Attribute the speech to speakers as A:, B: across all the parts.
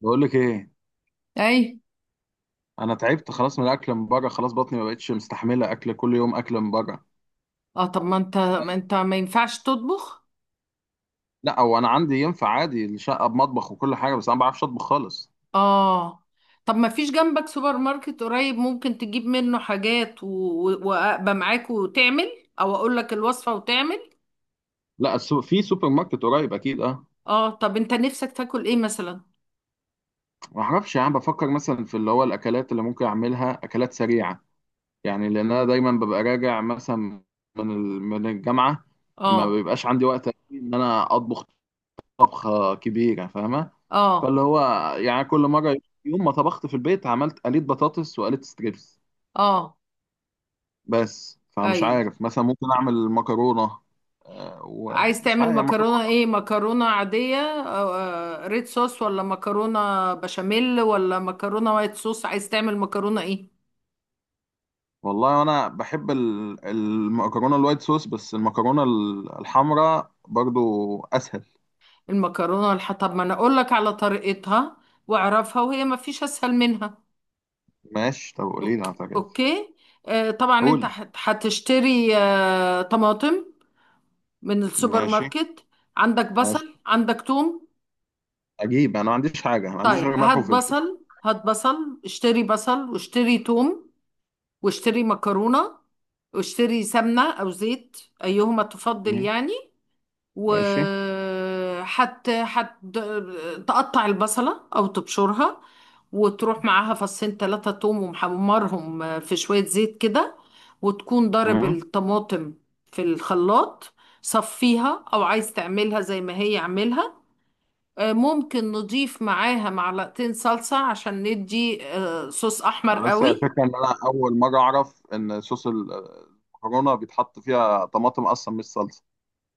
A: بقول لك ايه؟
B: اي.
A: انا تعبت خلاص من الاكل من بره، خلاص بطني ما بقتش مستحمله اكل كل يوم، اكل من بره.
B: اه، طب ما انت ما ينفعش تطبخ.
A: لا، هو انا عندي ينفع عادي، الشقه بمطبخ وكل حاجه، بس انا ما بعرفش اطبخ خالص.
B: اه، طب ما فيش جنبك سوبر ماركت قريب؟ ممكن تجيب منه حاجات وابقى معاك وتعمل، او اقول لك الوصفة وتعمل.
A: لا في سوبر ماركت قريب اكيد. اه.
B: اه، طب انت نفسك تاكل ايه مثلا؟
A: ما اعرفش، يعني بفكر مثلا في اللي هو الاكلات اللي ممكن اعملها اكلات سريعه، يعني لان انا دايما ببقى راجع مثلا من من الجامعه، ما
B: اه
A: بيبقاش عندي وقت ان انا اطبخ طبخه كبيره، فاهمه؟
B: اه
A: فاللي هو يعني كل مره، يوم ما طبخت في البيت عملت قليت بطاطس وقليت ستريبس.
B: اه،
A: بس فمش
B: ايوه.
A: عارف، مثلا ممكن اعمل مكرونه.
B: عايز
A: ومش عارف
B: تعمل
A: يعني
B: مكرونة
A: مكرونه.
B: ايه؟ مكرونة عادية أو ريد صوص، ولا مكرونة بشاميل، ولا مكرونة وايت صوص؟ عايز تعمل مكرونة ايه؟
A: والله انا بحب المكرونه الوايت صوص، بس المكرونه الحمراء برضو اسهل.
B: المكرونة والح، طب ما انا اقول لك على طريقتها واعرفها، وهي ما فيش اسهل منها.
A: ماشي، طب قولي لي،
B: اوكي،
A: اعتقد.
B: اوكي. طبعا انت
A: قولي.
B: هتشتري طماطم من السوبر
A: ماشي
B: ماركت، عندك
A: ماشي.
B: بصل، عندك توم.
A: اجيب؟ انا ما عنديش حاجه، أنا ما عنديش
B: طيب،
A: غير ملح
B: هات
A: وفلفل.
B: بصل، هات بصل، اشتري بصل، واشتري توم، واشتري مكرونة، واشتري سمنة او زيت، ايهما تفضل
A: مم.
B: يعني.
A: ماشي.
B: وحت حت تقطع البصلة أو تبشرها، وتروح معاها فصين تلاتة توم ومحمرهم في شوية زيت كده، وتكون ضارب
A: مم.
B: الطماطم في الخلاط. صفيها أو عايز تعملها زي ما هي اعملها. ممكن نضيف معاها معلقتين صلصة عشان ندي صوص أحمر
A: انا بس هي
B: قوي.
A: الفكره ان انا اول مره اعرف ان صوص المكرونه بيتحط فيها طماطم اصلا، مش صلصه.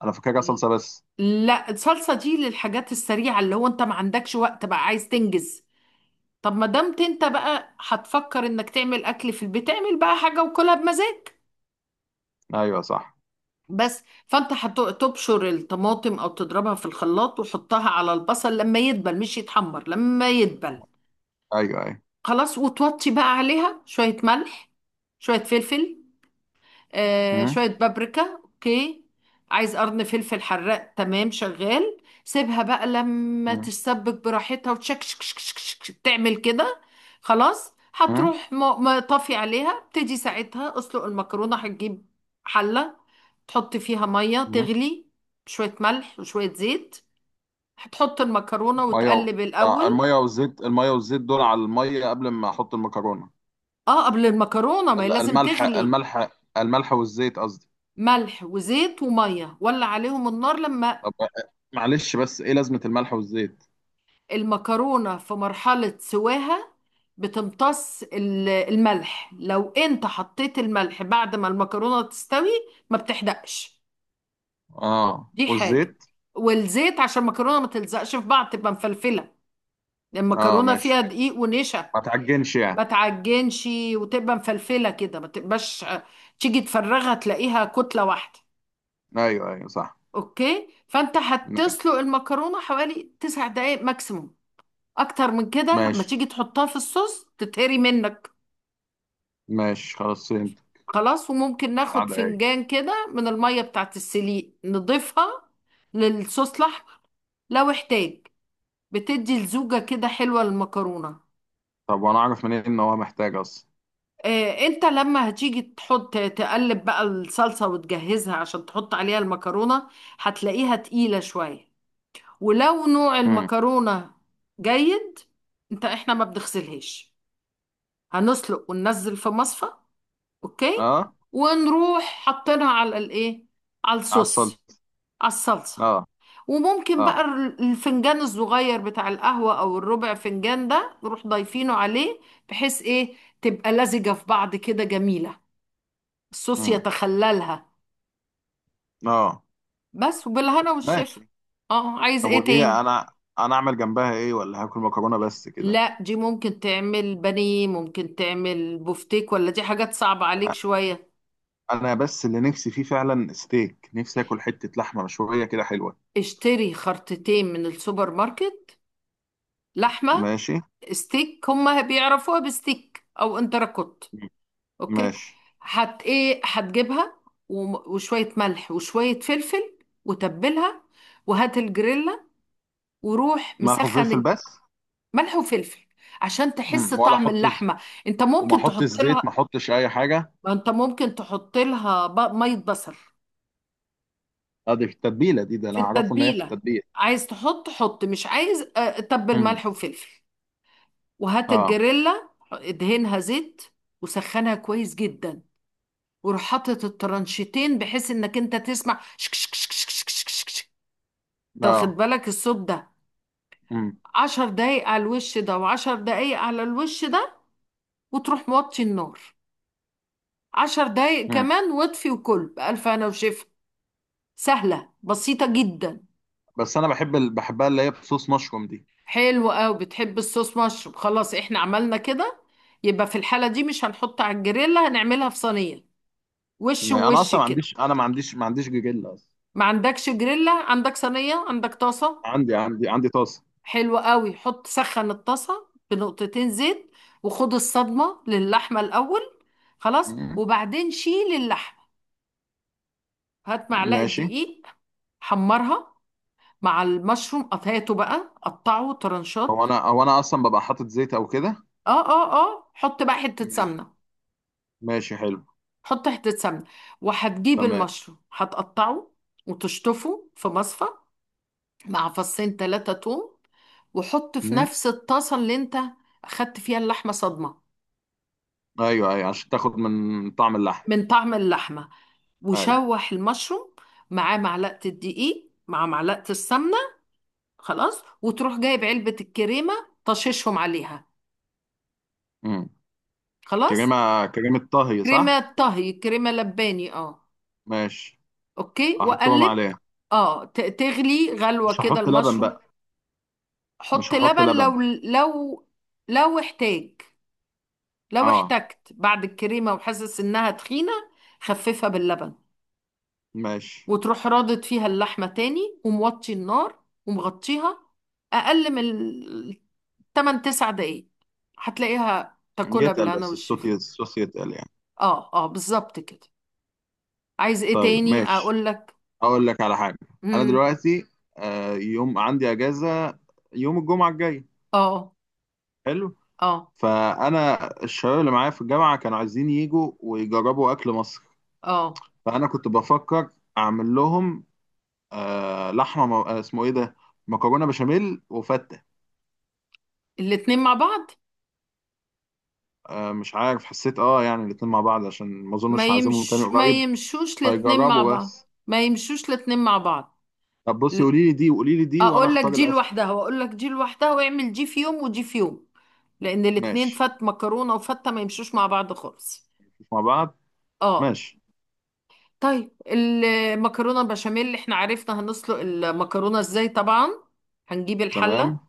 A: انا فاكرها صلصه بس.
B: لا، الصلصة دي للحاجات السريعة، اللي هو انت ما عندكش وقت، بقى عايز تنجز. طب ما دمت انت بقى هتفكر انك تعمل اكل في البيت، اعمل بقى حاجه وكلها بمزاج.
A: ايوه صح.
B: بس، فانت هتبشر الطماطم او تضربها في الخلاط، وحطها على البصل لما يدبل، مش يتحمر، لما يدبل.
A: ايوه ايوه.
B: خلاص، وتوطي بقى عليها شويه ملح، شويه فلفل، آه شوية بابريكا. اوكي. عايز قرن فلفل حراق؟ تمام، شغال. سيبها بقى لما
A: مم.
B: تتسبك براحتها، وتشك شك شك شك شك، تعمل كده. خلاص،
A: مم.
B: هتروح طافي عليها. ابتدي ساعتها اسلق المكرونة. هتجيب حلة، تحط فيها مية
A: مم.
B: تغلي، شوية ملح وشوية زيت، هتحط المكرونة
A: ميه و...
B: وتقلب الأول.
A: الميه والزيت، الميه والزيت دول على الميه قبل ما احط المكرونه؟
B: اه، قبل المكرونة، ما هي لازم تغلي.
A: الملح، الملح والزيت قصدي.
B: ملح وزيت ومية، ولع عليهم النار. لما
A: طب، معلش، بس ايه لازمه الملح والزيت؟
B: المكرونة في مرحلة سواها، بتمتص الملح. لو انت حطيت الملح بعد ما المكرونة تستوي ما بتحدقش،
A: اه،
B: دي حاجة.
A: والزيت.
B: والزيت عشان المكرونة ما تلزقش في بعض، تبقى مفلفلة، لأن
A: اه
B: المكرونة
A: ماشي.
B: فيها دقيق ونشا.
A: ما تعجنش
B: ما
A: يعني.
B: تعجنش، وتبقى مفلفلة كده، ما تبقاش تيجي تفرغها تلاقيها كتلة واحدة.
A: ايوه ايوه صح.
B: اوكي، فانت هتسلق
A: ماشي.
B: المكرونة حوالي 9 دقايق ماكسيموم. اكتر من كده، ما
A: ماشي
B: تيجي تحطها في الصوص تتهري منك.
A: ماشي، خلاص فهمت.
B: خلاص، وممكن
A: بتاع
B: ناخد
A: ده ايه؟
B: فنجان كده من المية بتاعت السليق نضيفها للصوص الأحمر لو احتاج، بتدي لزوجة كده حلوة للمكرونة.
A: طب وانا اعرف منين ان هو محتاج اصلا؟
B: اه، انت لما هتيجي تحط تقلب بقى الصلصة وتجهزها عشان تحط عليها المكرونة، هتلاقيها تقيلة شوية، ولو نوع
A: مم.
B: المكرونة جيد. انت، احنا ما بنغسلهاش. هنسلق وننزل في مصفى. اوكي.
A: اه
B: ونروح حاطينها على الايه، على
A: عسل.
B: الصوص، على الصلصة.
A: اه.
B: وممكن بقى
A: اه.
B: الفنجان الصغير بتاع القهوة أو الربع فنجان ده نروح ضايفينه عليه، بحيث إيه، تبقى لزجة في بعض كده، جميلة، الصوص
A: مم.
B: يتخللها.
A: اه.
B: بس، وبالهنا والشفا.
A: ماشي.
B: اه، عايز
A: طب،
B: ايه
A: ودي
B: تاني؟
A: انا انا اعمل جنبها ايه؟ ولا هاكل مكرونه بس كده؟
B: لا، دي ممكن تعمل بانيه، ممكن تعمل بفتيك، ولا دي حاجات صعبة عليك شوية؟
A: انا بس اللي نفسي فيه فعلا ستيك، نفسي اكل حته لحمه مشويه كده حلوه.
B: اشتري خرطتين من السوبر ماركت لحمة
A: ماشي.
B: ستيك، هما بيعرفوها بستيك أو انتركوت. اوكي.
A: ماشي.
B: هت ايه هتجيبها، وشوية ملح وشوية فلفل، وتبلها، وهات الجريلا، وروح
A: ملح
B: مسخن
A: وفلفل
B: الج-.
A: بس؟
B: ملح وفلفل، عشان تحس
A: مم.
B: طعم اللحمة. انت
A: وما
B: ممكن
A: احطش
B: تحط
A: زيت؟ ما
B: لها.
A: احطش اي حاجه؟
B: ما انت ممكن تحط لها مية بصل
A: ادي في التتبيله دي، ده
B: في
A: انا اعرفه ان هي في
B: التتبيلة.
A: التتبيله.
B: عايز تحط حط، مش عايز تبل
A: امم.
B: ملح وفلفل. وهات
A: اه.
B: الجريلا، ادهنها زيت، وسخنها كويس جدا، وروح حاطط الترانشيتين، بحيث انك انت تسمع شك شك شك شك شك شك شك شك. طب خد
A: اه.
B: بالك الصوت ده.
A: امم.
B: عشر دقايق على الوش ده، وعشر دقايق على الوش ده، وتروح موطي النار، 10 دقايق
A: امم.
B: كمان، واطفي، وكل بألف هنا وشفا. سهلة، بسيطة جدا.
A: بس انا بحبها اللي هي بصوص مشروم دي.
B: حلو قوي، بتحب الصوص مشروب؟ خلاص، احنا عملنا كده، يبقى في الحالة دي مش هنحط على الجريلا، هنعملها في صينية، وش
A: انا
B: ووش
A: اصلا ما
B: كده.
A: عنديش، انا ما عنديش جيجيلا اصلا.
B: ما عندكش جريلا؟ عندك صينية، عندك طاسة.
A: عندي طاسه.
B: حلو قوي، حط سخن الطاسة بنقطتين زيت، وخد الصدمة للحمة الأول. خلاص،
A: مم.
B: وبعدين شيل اللحمة. هات معلقة
A: ماشي.
B: دقيق، حمرها مع المشروم، قطعته بقى قطعه طرنشات.
A: هو انا اصلا ببقى حاطط زيت او كده؟
B: اه حط بقى حتة
A: ماشي.
B: سمنة.
A: ماشي حلو.
B: حط حتة سمنة، وهتجيب
A: تمام.
B: المشروم هتقطعه، وتشطفه في مصفى، مع فصين تلاتة توم، وحط في نفس الطاسة اللي انت أخدت فيها اللحمة صدمة،
A: ايوه ايوه عشان تاخد من طعم اللحم.
B: من طعم اللحمة.
A: ايوه.
B: وشوح المشروم معاه معلقة الدقيق مع معلقة السمنة. خلاص، وتروح جايب علبة الكريمة، طششهم عليها.
A: امم.
B: خلاص.
A: كريمه كريمه طهي صح؟
B: كريمة طهي، كريمة لباني، اه.
A: ماشي.
B: اوكي،
A: احطهم
B: وقلب.
A: عليه؟
B: اه، تغلي غلوة
A: مش
B: كده
A: هحط لبن
B: المشروم.
A: بقى.
B: حط
A: مش هحط
B: لبن،
A: لبن.
B: لو احتاج، لو
A: اه.
B: احتجت بعد الكريمة وحاسس انها تخينة، خففها باللبن.
A: ماشي.
B: وتروح رادد فيها اللحمة تاني، وموطي النار، ومغطيها. أقل من 8 9 دقايق، هتلاقيها تاكلها
A: يتقل
B: بالهنا
A: بس
B: والشفا.
A: الصوص يتقل يعني؟
B: اه اه، بالظبط كده. عايز ايه
A: طيب
B: تاني
A: ماشي.
B: اقول لك؟
A: اقول لك على حاجه. انا
B: امم.
A: دلوقتي يوم عندي اجازه، يوم الجمعه الجاي.
B: اه
A: حلو.
B: اه
A: فانا الشباب اللي معايا في الجامعه كانوا عايزين يجوا ويجربوا اكل مصر،
B: اه،
A: فانا كنت بفكر اعمل لهم اسمه ايه ده، مكرونه بشاميل وفته.
B: الاتنين مع بعض؟
A: مش عارف، حسيت يعني الاتنين مع بعض عشان ما اظنش هعزمهم تاني
B: ما
A: قريب،
B: يمشوش الاتنين مع
A: هيجربوا
B: بعض.
A: بس.
B: ما يمشوش الاتنين مع بعض.
A: طب بصي،
B: ل-،
A: قولي لي دي وقولي لي دي وانا
B: اقول لك
A: اختار
B: دي
A: الاسهل.
B: لوحدها واقول لك دي لوحدها، واعمل دي في يوم ودي في يوم، لان الاتنين،
A: ماشي.
B: فت، مكرونة وفتة، ما يمشوش مع بعض خالص.
A: مش مع بعض.
B: اه.
A: ماشي.
B: طيب، المكرونه بشاميل، اللي احنا عرفنا هنسلق المكرونه ازاي طبعا، هنجيب الحله.
A: تمام.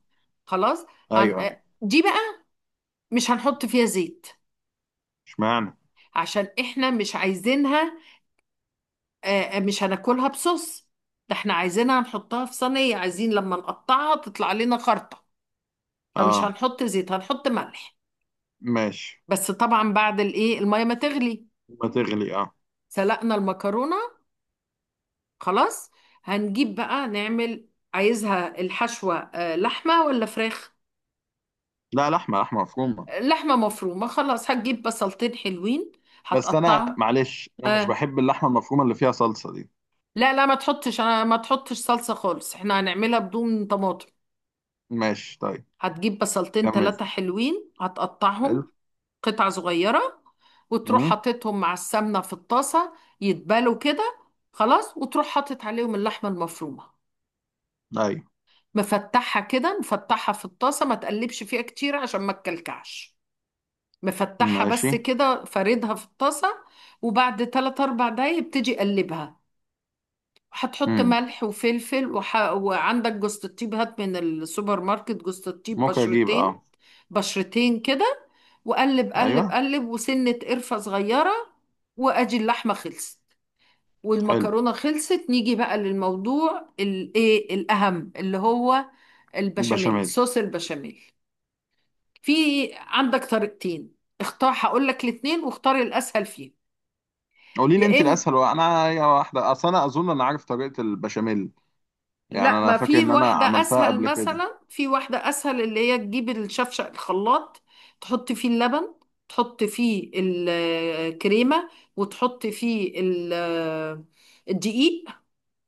B: خلاص. هن...
A: ايوه ايوه.
B: آه، دي بقى مش هنحط فيها زيت،
A: اشمعنى؟
B: عشان احنا مش عايزينها، آه، مش هناكلها بصوص. ده احنا عايزينها نحطها في صينيه، عايزين لما نقطعها تطلع لنا خرطه. فمش
A: اه.
B: هنحط زيت، هنحط ملح.
A: ماشي.
B: بس طبعا بعد الايه، الميه ما تغلي،
A: ما تغلي، اه.
B: سلقنا المكرونه، خلاص. هنجيب بقى نعمل. عايزها الحشوة لحمة ولا فراخ؟
A: لا لحمه، لحمه مفرومه.
B: لحمة مفرومة. خلاص، هتجيب بصلتين حلوين،
A: بس انا
B: هتقطعهم.
A: معلش، انا مش
B: آه.
A: بحب اللحمه المفرومه اللي فيها صلصه دي.
B: لا لا، ما تحطش، انا ما تحطش صلصة خالص، احنا هنعملها بدون طماطم.
A: ماشي طيب.
B: هتجيب بصلتين
A: كمل.
B: ثلاثة حلوين،
A: حلو.
B: هتقطعهم قطع صغيرة، وتروح
A: امم.
B: حاططهم مع السمنة في الطاسة، يتبالوا كده. خلاص، وتروح حاطط عليهم اللحمة المفرومة،
A: ايوه.
B: مفتحها كده، مفتحها في الطاسة، ما تقلبش فيها كتير عشان ما تكلكعش، مفتحها
A: ماشي.
B: بس كده، فاردها في الطاسة. وبعد 3 4 دقايق ابتدي قلبها. هتحط
A: امم،
B: ملح وفلفل وح..., وعندك جوزة الطيب، هات من السوبر ماركت جوزة الطيب
A: ممكن اجيب
B: بشرتين،
A: اه.
B: بشرتين كده. وقلب قلب
A: ايوه.
B: قلب، وسنة قرفة صغيرة. وادي اللحمة خلصت
A: حلو.
B: والمكرونة خلصت. نيجي بقى للموضوع الايه، الأهم، اللي هو البشاميل،
A: البشاميل.
B: صوص البشاميل. في عندك طريقتين، اختار. هقول لك الاتنين واختار الأسهل فيهم.
A: قولي لي
B: يا
A: انت
B: إما
A: الاسهل، وانا يا واحده اصل انا اظن انا عارف طريقه البشاميل، يعني
B: لا،
A: انا
B: ما
A: فاكر
B: في،
A: ان انا
B: واحدة
A: عملتها
B: أسهل
A: قبل كده.
B: مثلا، في واحدة أسهل، اللي هي تجيب الشفشق الخلاط، تحط فيه اللبن، تحط فيه الكريمة، وتحط فيه الدقيق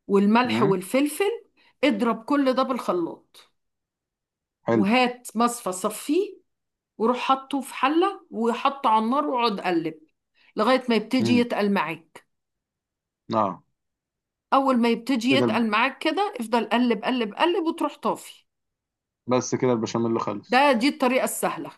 B: والملح
A: امم.
B: والفلفل، اضرب كل ده بالخلاط،
A: حلو.
B: وهات مصفى صفيه، وروح حطه في حلة، وحطه على النار، واقعد قلب لغاية ما يبتدي
A: امم.
B: يتقل معاك.
A: اه.
B: أول ما يبتدي
A: كده الب-
B: يتقل معاك كده، افضل قلب قلب قلب، وتروح طافي.
A: بس كده البشاميل خلص.
B: ده دي الطريقة السهلة.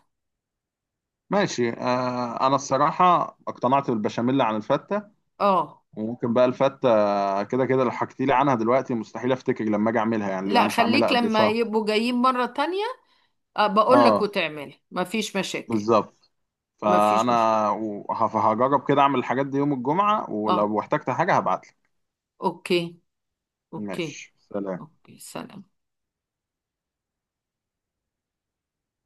A: ماشي، انا الصراحه اقتنعت بالبشاميل عن الفته.
B: اه.
A: وممكن بقى الفته كده كده لو حكيتي لي عنها دلوقتي مستحيل افتكر لما اجي اعملها، يعني لأن انا
B: لا،
A: مش هعملها
B: خليك
A: قبل
B: لما
A: شهر.
B: يبقوا جايين مرة تانية، بقول لك
A: اه.
B: وتعمل، مفيش مشاكل.
A: بالظبط.
B: مفيش مشكلة.
A: فانا هجرب كده اعمل الحاجات دي يوم الجمعه،
B: اه.
A: ولو احتجت حاجه هبعت.
B: اوكي، اوكي،
A: ماشي سلام.
B: اوكي. سلام.